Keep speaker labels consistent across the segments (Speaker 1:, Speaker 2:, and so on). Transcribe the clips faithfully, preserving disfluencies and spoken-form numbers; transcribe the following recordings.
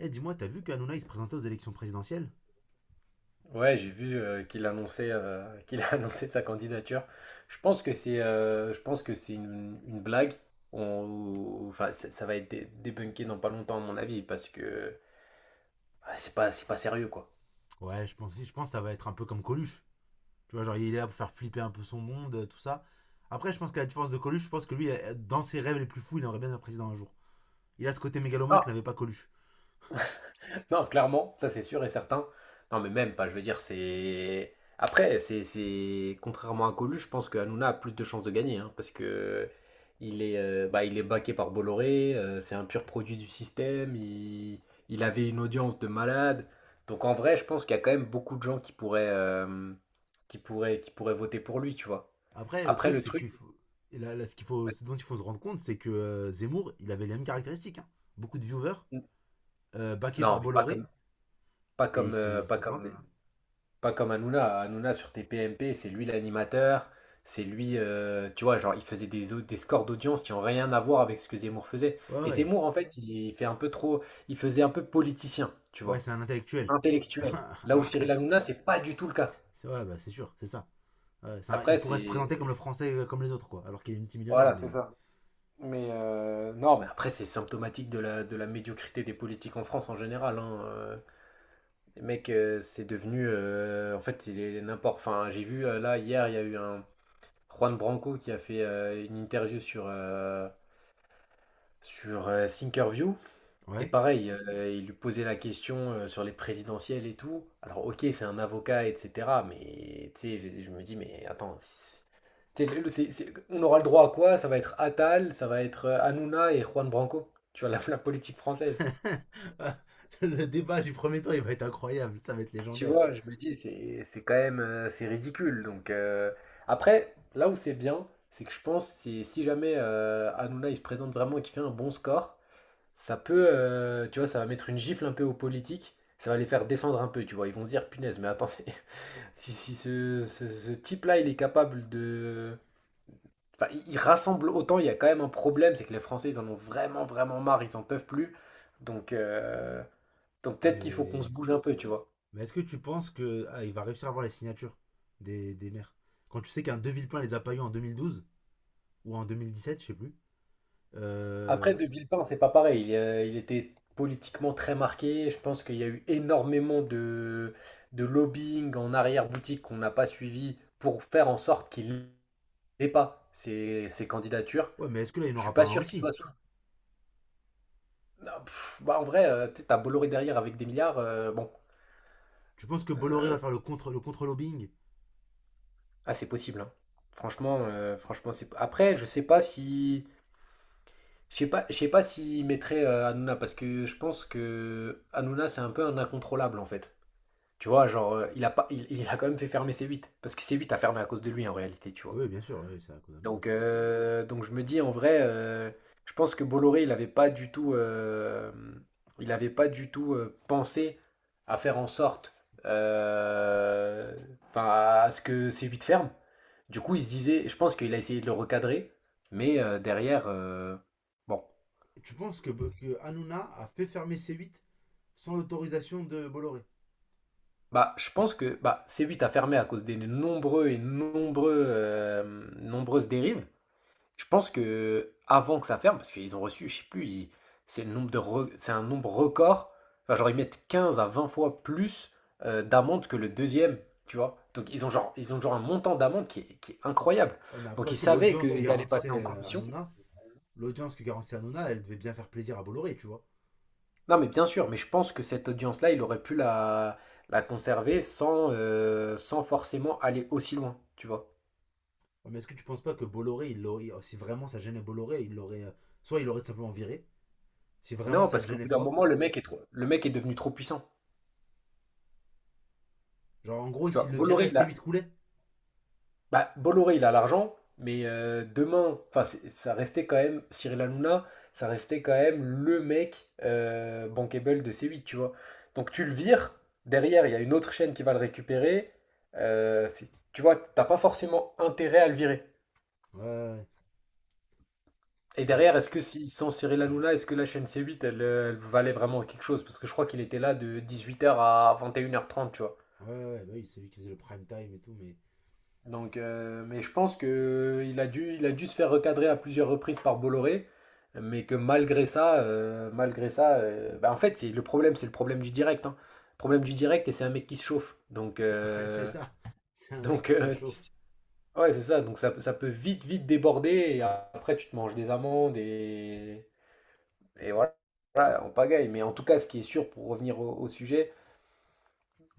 Speaker 1: Eh, dis-moi, t'as vu qu'Anouna il se présentait aux élections présidentielles?
Speaker 2: Ouais, j'ai vu euh, qu'il annonçait, euh, qu'il a annoncé sa candidature. Je pense que c'est, euh, je pense que c'est une, une blague. On- enfin, ça, ça va être dé- débunké dans pas longtemps à mon avis, parce que ah, c'est pas, c'est pas sérieux, quoi.
Speaker 1: Ouais, je pense, je pense que ça va être un peu comme Coluche. Tu vois, genre il est là pour faire flipper un peu son monde, euh, tout ça. Après, je pense qu'à la différence de Coluche, je pense que lui, euh, dans ses rêves les plus fous, il aimerait bien être président un jour. Il a ce côté mégalomane que n'avait pas Coluche.
Speaker 2: Non, clairement, ça, c'est sûr et certain. Non, mais même, pas, je veux dire, c'est. Après, c'est, c'est- contrairement à Colu, je pense que Hanouna a plus de chances de gagner, hein, parce que il est, euh, bah, il est baqué par Bolloré, euh, c'est un pur produit du système, il, il avait une audience de malade. Donc, en vrai, je pense qu'il y a quand même beaucoup de gens qui pourraient, euh, qui pourraient, qui pourraient voter pour lui, tu vois.
Speaker 1: Après, le
Speaker 2: Après,
Speaker 1: truc,
Speaker 2: le
Speaker 1: c'est
Speaker 2: truc,
Speaker 1: qu'il
Speaker 2: c'est-
Speaker 1: faut. Et là- là, ce, qu'il faut, ce dont il faut se rendre compte, c'est que euh, Zemmour, il avait les mêmes caractéristiques, hein. Beaucoup de viewers, euh, backé par
Speaker 2: non, mais pas
Speaker 1: Bolloré,
Speaker 2: comme, pas
Speaker 1: et il
Speaker 2: comme,
Speaker 1: s'est
Speaker 2: euh,
Speaker 1: il
Speaker 2: pas
Speaker 1: s'est planté,
Speaker 2: comme
Speaker 1: hein.
Speaker 2: Pas comme Hanouna. Hanouna sur T P M P, c'est lui l'animateur, c'est lui, euh, tu vois, genre il faisait des, au- des scores d'audience qui ont rien à voir avec ce que Zemmour faisait.
Speaker 1: Ouais,
Speaker 2: Et
Speaker 1: ouais.
Speaker 2: Zemmour, en fait, il fait un peu trop, il faisait un peu politicien, tu
Speaker 1: Ouais,
Speaker 2: vois,
Speaker 1: c'est un intellectuel.
Speaker 2: intellectuel. Là où
Speaker 1: Alors que.
Speaker 2: Cyril Hanouna, c'est pas du tout le cas.
Speaker 1: c'est- Ouais, bah, c'est sûr, c'est ça. Ouais, c'est un-
Speaker 2: Après,
Speaker 1: il pourrait se présenter comme le
Speaker 2: c'est,
Speaker 1: français euh, comme les autres, quoi. Alors qu'il est multimillionnaire,
Speaker 2: voilà, c'est
Speaker 1: mais.
Speaker 2: ça. Mais euh, non, mais après, c'est symptomatique de la, de la médiocrité des politiques en France en général, hein. Euh, Les mecs, euh, c'est devenu, euh, en fait, il est n'importe. Enfin, j'ai vu euh, là hier, il y a eu un Juan Branco qui a fait euh, une interview sur, euh, sur euh, Thinkerview. Et
Speaker 1: Ouais.
Speaker 2: pareil, euh, il lui posait la question euh, sur les présidentielles et tout. Alors, ok, c'est un avocat, et cetera. Mais tu sais, je, je me dis, mais attends, c'est- tu sais, le- c'est- c'est- on aura le droit à quoi? Ça va être Attal, ça va être euh, Hanouna et Juan Branco. Tu vois, la, la politique française.
Speaker 1: Le débat du premier tour, il va être incroyable. Ça va être
Speaker 2: Tu
Speaker 1: légendaire.
Speaker 2: vois, je me dis, c'est c'est quand même euh, c'est ridicule. Donc, euh, après, là où c'est bien, c'est que je pense, c'est si si jamais euh, Hanouna, il se présente vraiment et qu'il fait un bon score, ça peut, euh, tu vois, ça va mettre une gifle un peu aux politiques, ça va les faire descendre un peu, tu vois. Ils vont se dire, punaise, mais attendez, si, si ce, ce- ce type-là, il est capable de. Enfin, il il rassemble autant, il y a quand même un problème, c'est que les Français, ils en ont vraiment, vraiment marre, ils en peuvent plus. Donc, euh, donc
Speaker 1: Ouais,
Speaker 2: peut-être qu'il faut qu'on
Speaker 1: mais.
Speaker 2: se bouge un peu, tu vois.
Speaker 1: Mais est-ce que tu penses que ah, il va réussir à avoir les signatures des, des maires? Quand tu sais qu'un De Villepin les a pas eu en deux mille douze ou en deux mille dix sept je sais plus.
Speaker 2: Après,
Speaker 1: Euh,
Speaker 2: De Villepin, c'est pas pareil. Il, euh, il était politiquement très marqué. Je pense qu'il y a eu énormément de, de lobbying en arrière-boutique qu'on n'a pas suivi pour faire en sorte qu'il. Et pas, ces ces candidatures.
Speaker 1: Ouais, mais est-ce que là, il
Speaker 2: Je suis
Speaker 1: n'aura pas
Speaker 2: pas
Speaker 1: un
Speaker 2: sûr qu'ils
Speaker 1: aussi.
Speaker 2: soient sous. Non, pff, bah, en vrai, heu, tu sais, tu Bolloré derrière avec des milliards, heu, bon,
Speaker 1: Tu penses que Bolloré va
Speaker 2: heu,
Speaker 1: faire le contre le contre-lobbying?
Speaker 2: ah, c'est possible, hein. Franchement, heu, franchement, c'est après, je sais pas si je sais pas je sais pas s'ils mettraient, heu, Hanouna, parce que je pense que qu'Hanouna, c'est un peu un incontrôlable, en fait. Tu vois? Genre, heu, il a pas il il a quand même fait fermer c huit parce que c huit a fermé à cause de lui, en réalité, tu vois?
Speaker 1: Oui, bien sûr, oui, c'est à cause d'Hanouna.
Speaker 2: Donc, euh, donc je me dis en vrai, euh, je pense que Bolloré, il n'avait pas du tout, euh, il n'avait pas du tout euh, pensé à faire en sorte, euh, enfin, à à ce que ces huit ferment. Du coup, il se disait, je pense qu'il a essayé de le recadrer, mais euh, derrière, euh, bon,
Speaker 1: Tu penses que, que Hanouna a fait fermer c huit sans l'autorisation de Bolloré?
Speaker 2: bah, je pense que bah, c huit a fermé à cause des nombreux et nombreux, euh, nombreuses dérives. Je pense que avant que ça ferme, parce qu'ils ont reçu, je sais plus, ils- c'est le nombre de re- c'est un nombre record. Enfin, genre ils mettent quinze à vingt fois plus euh, d'amende que le deuxième, tu vois. Donc ils ont genre ils ont genre un montant d'amende qui est, qui est incroyable.
Speaker 1: Ouais, mais après
Speaker 2: Donc ils
Speaker 1: aussi,
Speaker 2: savaient
Speaker 1: l'audience que
Speaker 2: qu'ils allaient passer en
Speaker 1: garantissait euh,
Speaker 2: commission.
Speaker 1: Hanouna, l'audience que garantissait Hanouna, elle devait bien faire plaisir à Bolloré, tu vois.
Speaker 2: Non, mais bien sûr, mais je pense que cette audience-là, il aurait pu la, la conserver sans, euh, sans forcément aller aussi loin, tu vois.
Speaker 1: Ouais, mais est-ce que tu penses pas que Bolloré, il l'aurait- si vraiment ça gênait Bolloré, il l'aurait, euh, soit il l'aurait tout simplement viré, si vraiment
Speaker 2: Non,
Speaker 1: ça le
Speaker 2: parce qu'au
Speaker 1: gênait
Speaker 2: bout d'un
Speaker 1: fort.
Speaker 2: moment, le mec est trop, le mec est devenu trop puissant.
Speaker 1: Genre, en gros,
Speaker 2: Tu vois,
Speaker 1: s'il le
Speaker 2: Bolloré,
Speaker 1: virait,
Speaker 2: il a.
Speaker 1: C huit coulait.
Speaker 2: Bah, Bolloré, il a l'argent, mais euh, demain, enfin, c'est- ça restait quand même Cyril Hanouna, ça restait quand même le mec euh, bankable de C huit, tu vois. Donc, tu le vires, derrière, il y a une autre chaîne qui va le récupérer. euh, c'est- tu vois, t'as pas forcément intérêt à le virer.
Speaker 1: Ouais, ouais,
Speaker 2: Et
Speaker 1: ouais.
Speaker 2: derrière, est-ce que, si, sans Cyril Hanouna, est-ce que la chaîne C huit, elle, euh, elle valait vraiment quelque chose? Parce que je crois qu'il était là de dix-huit heures à vingt et une heures trente, tu vois.
Speaker 1: Ouais, ouais, bah oui, c'est lui qui faisait le prime time et tout, mais.
Speaker 2: Donc, euh, mais je pense que il a dû, il a dû se faire recadrer à plusieurs reprises par Bolloré, mais que malgré ça, euh, malgré ça, euh, bah, en fait, c'est le problème, c'est le problème du direct, hein. Problème du direct et c'est un mec qui se chauffe. Donc,
Speaker 1: Ouais, c'est
Speaker 2: euh,
Speaker 1: ça. C'est un mec
Speaker 2: donc,
Speaker 1: qui se
Speaker 2: euh,
Speaker 1: chauffe.
Speaker 2: ouais, c'est ça. Donc, ça, ça peut vite, vite déborder et après tu te manges des amendes et et voilà, voilà, on pagaille. Mais en tout cas, ce qui est sûr pour revenir au, au sujet,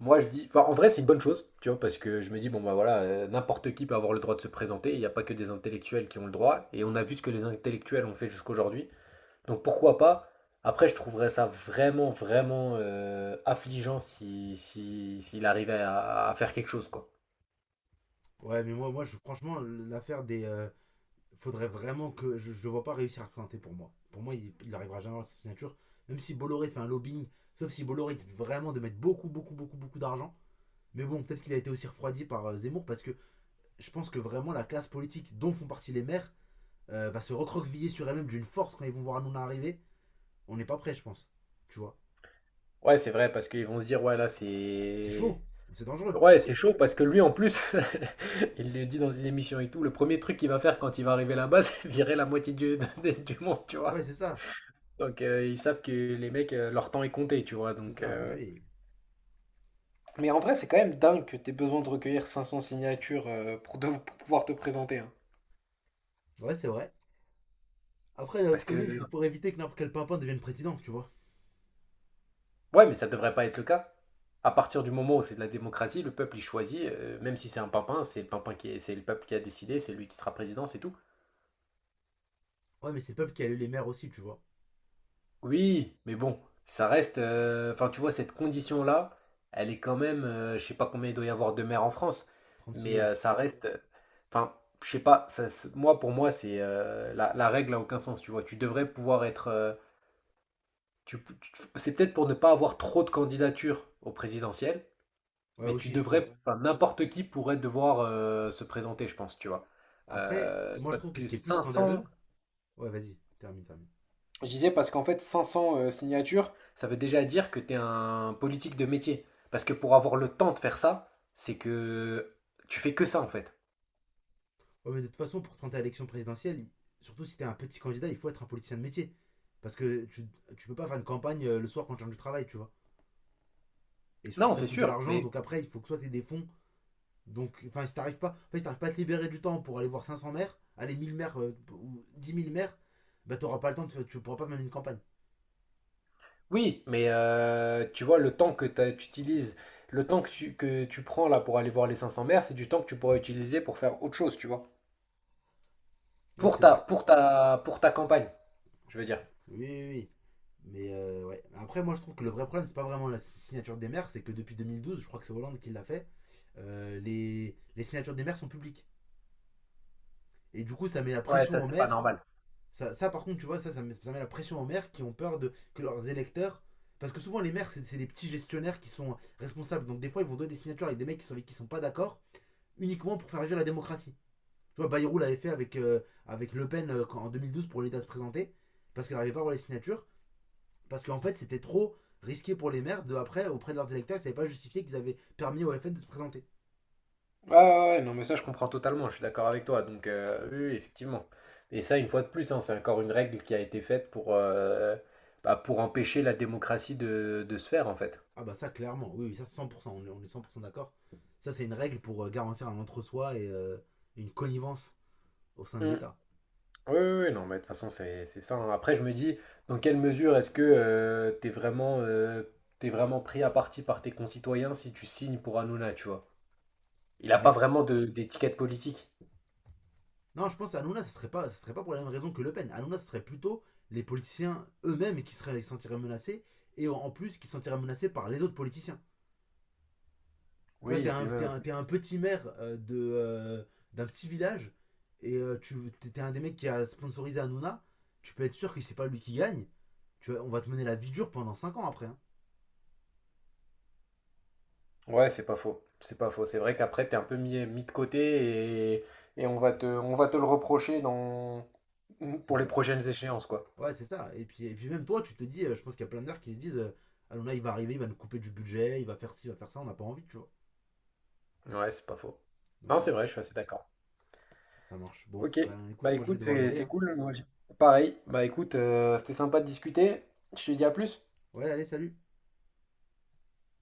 Speaker 2: moi, je dis, enfin, en vrai, c'est une bonne chose, tu vois, parce que je me dis, bon, bah, voilà, euh, n'importe qui peut avoir le droit de se présenter, il n'y a pas que des intellectuels qui ont le droit, et on a vu ce que les intellectuels ont fait jusqu'aujourd'hui, donc pourquoi pas? Après, je trouverais ça vraiment, vraiment euh, affligeant si, si, s'il arrivait à, à faire quelque chose, quoi.
Speaker 1: Ouais, mais moi, moi je, franchement, l'affaire des. Euh, faudrait vraiment que je ne vois pas réussir à cranter pour moi. Pour moi, il n'arrivera jamais à sa signature. Même si Bolloré fait un lobbying, sauf si Bolloré décide vraiment de mettre beaucoup, beaucoup, beaucoup, beaucoup d'argent. Mais bon, peut-être qu'il a été aussi refroidi par euh, Zemmour parce que je pense que vraiment la classe politique dont font partie les maires euh, va se recroqueviller sur elle-même d'une force quand ils vont voir Hanouna arriver. On n'est pas prêt, je pense. Tu vois.
Speaker 2: Ouais, c'est vrai, parce qu'ils vont se dire, ouais, là,
Speaker 1: C'est
Speaker 2: c'est.
Speaker 1: chaud, c'est dangereux.
Speaker 2: Ouais, c'est chaud, parce que lui, en plus, il le dit dans une émission et tout, le premier truc qu'il va faire quand il va arriver là-bas, c'est virer la moitié du, du monde, tu
Speaker 1: Ouais,
Speaker 2: vois.
Speaker 1: c'est ça,
Speaker 2: Donc, euh, ils savent que les mecs, euh, leur temps est compté, tu vois.
Speaker 1: c'est
Speaker 2: Donc,
Speaker 1: ça, bah
Speaker 2: euh,
Speaker 1: oui.
Speaker 2: Mais en vrai, c'est quand même dingue que t'aies besoin de recueillir cinq cents signatures euh, pour, de- pour pouvoir te présenter, hein.
Speaker 1: Ouais, c'est vrai. Après, d'un autre
Speaker 2: Parce que.
Speaker 1: côté, c'est pour éviter que n'importe quel pimpin devienne président, tu vois.
Speaker 2: Ouais, mais ça devrait pas être le cas. À partir du moment où c'est de la démocratie, le peuple, il choisit, euh, même si c'est un pimpin, c'est le pimpin qui est- c'est le peuple qui a décidé, c'est lui qui sera président, c'est tout.
Speaker 1: Ouais, mais c'est le peuple qui a élu les maires aussi, tu vois.
Speaker 2: Oui, mais bon, ça reste. euh, Enfin, tu vois, cette condition-là, elle est quand même. Euh, je sais pas combien il doit y avoir de maires en France,
Speaker 1: Trente-six
Speaker 2: mais
Speaker 1: mille.
Speaker 2: euh, ça reste. euh, Enfin, je sais pas. Ça se- moi, pour moi, c'est euh, la, la règle n'a aucun sens. Tu vois, tu devrais pouvoir être. Euh, tu, tu- c'est peut-être pour ne pas avoir trop de candidatures au présidentiel,
Speaker 1: Ouais,
Speaker 2: mais tu
Speaker 1: aussi, je
Speaker 2: devrais.
Speaker 1: pense.
Speaker 2: Enfin, n'importe qui pourrait devoir euh, se présenter, je pense. Tu vois.
Speaker 1: Après,
Speaker 2: Euh,
Speaker 1: moi, je
Speaker 2: parce
Speaker 1: trouve que ce
Speaker 2: que
Speaker 1: qui est plus
Speaker 2: cinq cents.
Speaker 1: scandaleux. Ouais, vas-y, termine, termine.
Speaker 2: Je disais, parce qu'en fait, cinq cents euh, signatures, ça veut déjà dire que tu es un politique de métier. Parce que pour avoir le temps de faire ça, c'est que tu fais que ça, en fait.
Speaker 1: Ouais, mais de toute façon, pour te présenter à l'élection présidentielle, il- surtout si t'es un petit candidat, il faut être un politicien de métier. Parce que tu, tu peux pas faire une campagne euh, le soir quand tu changes de travail, tu vois. Et surtout
Speaker 2: Non,
Speaker 1: que ça
Speaker 2: c'est
Speaker 1: coûte de
Speaker 2: sûr,
Speaker 1: l'argent,
Speaker 2: mais
Speaker 1: donc après, il faut que soit t'aies des fonds. Donc, enfin, si t'arrives pas, en fait, si t'arrives pas à te libérer du temps pour aller voir cinq cents maires, aller mille maires euh, ou dix mille maires, bah t'auras pas le temps, de- tu pourras pas mener une campagne.
Speaker 2: oui, mais euh, tu vois, le temps que t'as- tu utilises, le temps que tu, que tu prends là pour aller voir les cinq cents maires, c'est du temps que tu pourrais utiliser pour faire autre chose, tu vois.
Speaker 1: Ouais,
Speaker 2: Pour
Speaker 1: c'est
Speaker 2: ta,
Speaker 1: vrai.
Speaker 2: pour ta, pour ta campagne, je veux dire.
Speaker 1: Oui, oui, oui. Mais euh, ouais. Après, moi, je trouve que le vrai problème, c'est pas vraiment la signature des maires, c'est que depuis deux mille douze, je crois que c'est Hollande qui l'a fait, euh, les, les signatures des maires sont publiques. Et du coup, ça met la
Speaker 2: Ouais, ça,
Speaker 1: pression aux
Speaker 2: c'est pas
Speaker 1: maires.
Speaker 2: normal.
Speaker 1: Ça, ça par contre, tu vois, ça, ça met, ça met la pression aux maires qui ont peur de que leurs électeurs. Parce que souvent, les maires, c'est c'est des petits gestionnaires qui sont responsables. Donc, des fois, ils vont donner des signatures avec des mecs qui sont, avec qui sont pas d'accord, uniquement pour faire agir la démocratie. Tu vois, Bayrou l'avait fait avec, euh, avec Le Pen euh, quand- en deux mille douze pour l'aider à se présenter, parce qu'elle n'arrivait pas à avoir les signatures. Parce qu'en fait, c'était trop risqué pour les maires de, après, auprès de leurs électeurs, ils ne savaient pas justifier qu'ils avaient permis au F N de se présenter.
Speaker 2: Ouais, ouais, ouais, non, mais ça, je comprends totalement, je suis d'accord avec toi. Donc, euh, oui, oui, effectivement. Et ça, une fois de plus, hein, c'est encore une règle qui a été faite pour, euh, bah, pour empêcher la démocratie de, de se faire, en fait.
Speaker 1: Ah bah ça, clairement, oui, oui, ça c'est cent pour cent, on est- cent pour cent d'accord. Ça, c'est une règle pour euh, garantir un entre-soi et euh, une connivence au sein de
Speaker 2: Mm.
Speaker 1: l'État.
Speaker 2: Oui, oui, oui, non, mais de toute façon, c'est c'est ça, hein. Après, je me dis, dans quelle mesure est-ce que euh, t'es vraiment, euh, t'es vraiment pris à partie par tes concitoyens si tu signes pour Hanouna, tu vois? Il n'a pas
Speaker 1: Ouais.
Speaker 2: vraiment de- d'étiquette politique.
Speaker 1: Non, je pense à Hanouna, ce ne serait pas, ça serait pas pour la même raison que Le Pen. Hanouna, ce serait plutôt les politiciens eux-mêmes qui seraient, qui se sentiraient menacés et en plus qui se sentiraient menacés par les autres politiciens. Tu vois,
Speaker 2: Oui,
Speaker 1: t'es
Speaker 2: et
Speaker 1: un,
Speaker 2: puis
Speaker 1: t'es
Speaker 2: même.
Speaker 1: un, t'es un petit maire euh, de, euh, d'un petit village et euh, tu t'es un des mecs qui a sponsorisé Hanouna. Tu peux être sûr que c'est pas lui qui gagne. Tu vois, on va te mener la vie dure pendant cinq ans après, hein.
Speaker 2: Ouais, c'est pas faux. C'est pas faux. C'est vrai qu'après, t'es un peu mis, mis de côté, et, et on va te, on va te le reprocher dans,
Speaker 1: C'est
Speaker 2: pour les
Speaker 1: ça.
Speaker 2: prochaines échéances, quoi.
Speaker 1: Ouais, c'est ça. Et puis, et puis même toi, tu te dis, euh, je pense qu'il y a plein de mecs qui se disent euh, Hanouna, il va arriver, il va nous couper du budget, il va faire ci, il va faire ça, on n'a pas envie, tu vois.
Speaker 2: Ouais, c'est pas faux.
Speaker 1: Donc
Speaker 2: Non, c'est
Speaker 1: ouais,
Speaker 2: vrai, je suis assez d'accord.
Speaker 1: ça marche. Bon,
Speaker 2: Ok.
Speaker 1: ben
Speaker 2: Bah,
Speaker 1: écoute, moi je vais
Speaker 2: écoute,
Speaker 1: devoir y
Speaker 2: c'est
Speaker 1: aller,
Speaker 2: c'est
Speaker 1: hein.
Speaker 2: cool. moi, j'ai- Pareil. Bah, écoute, euh, c'était sympa de discuter. Je te dis à plus.
Speaker 1: Ouais, allez, salut.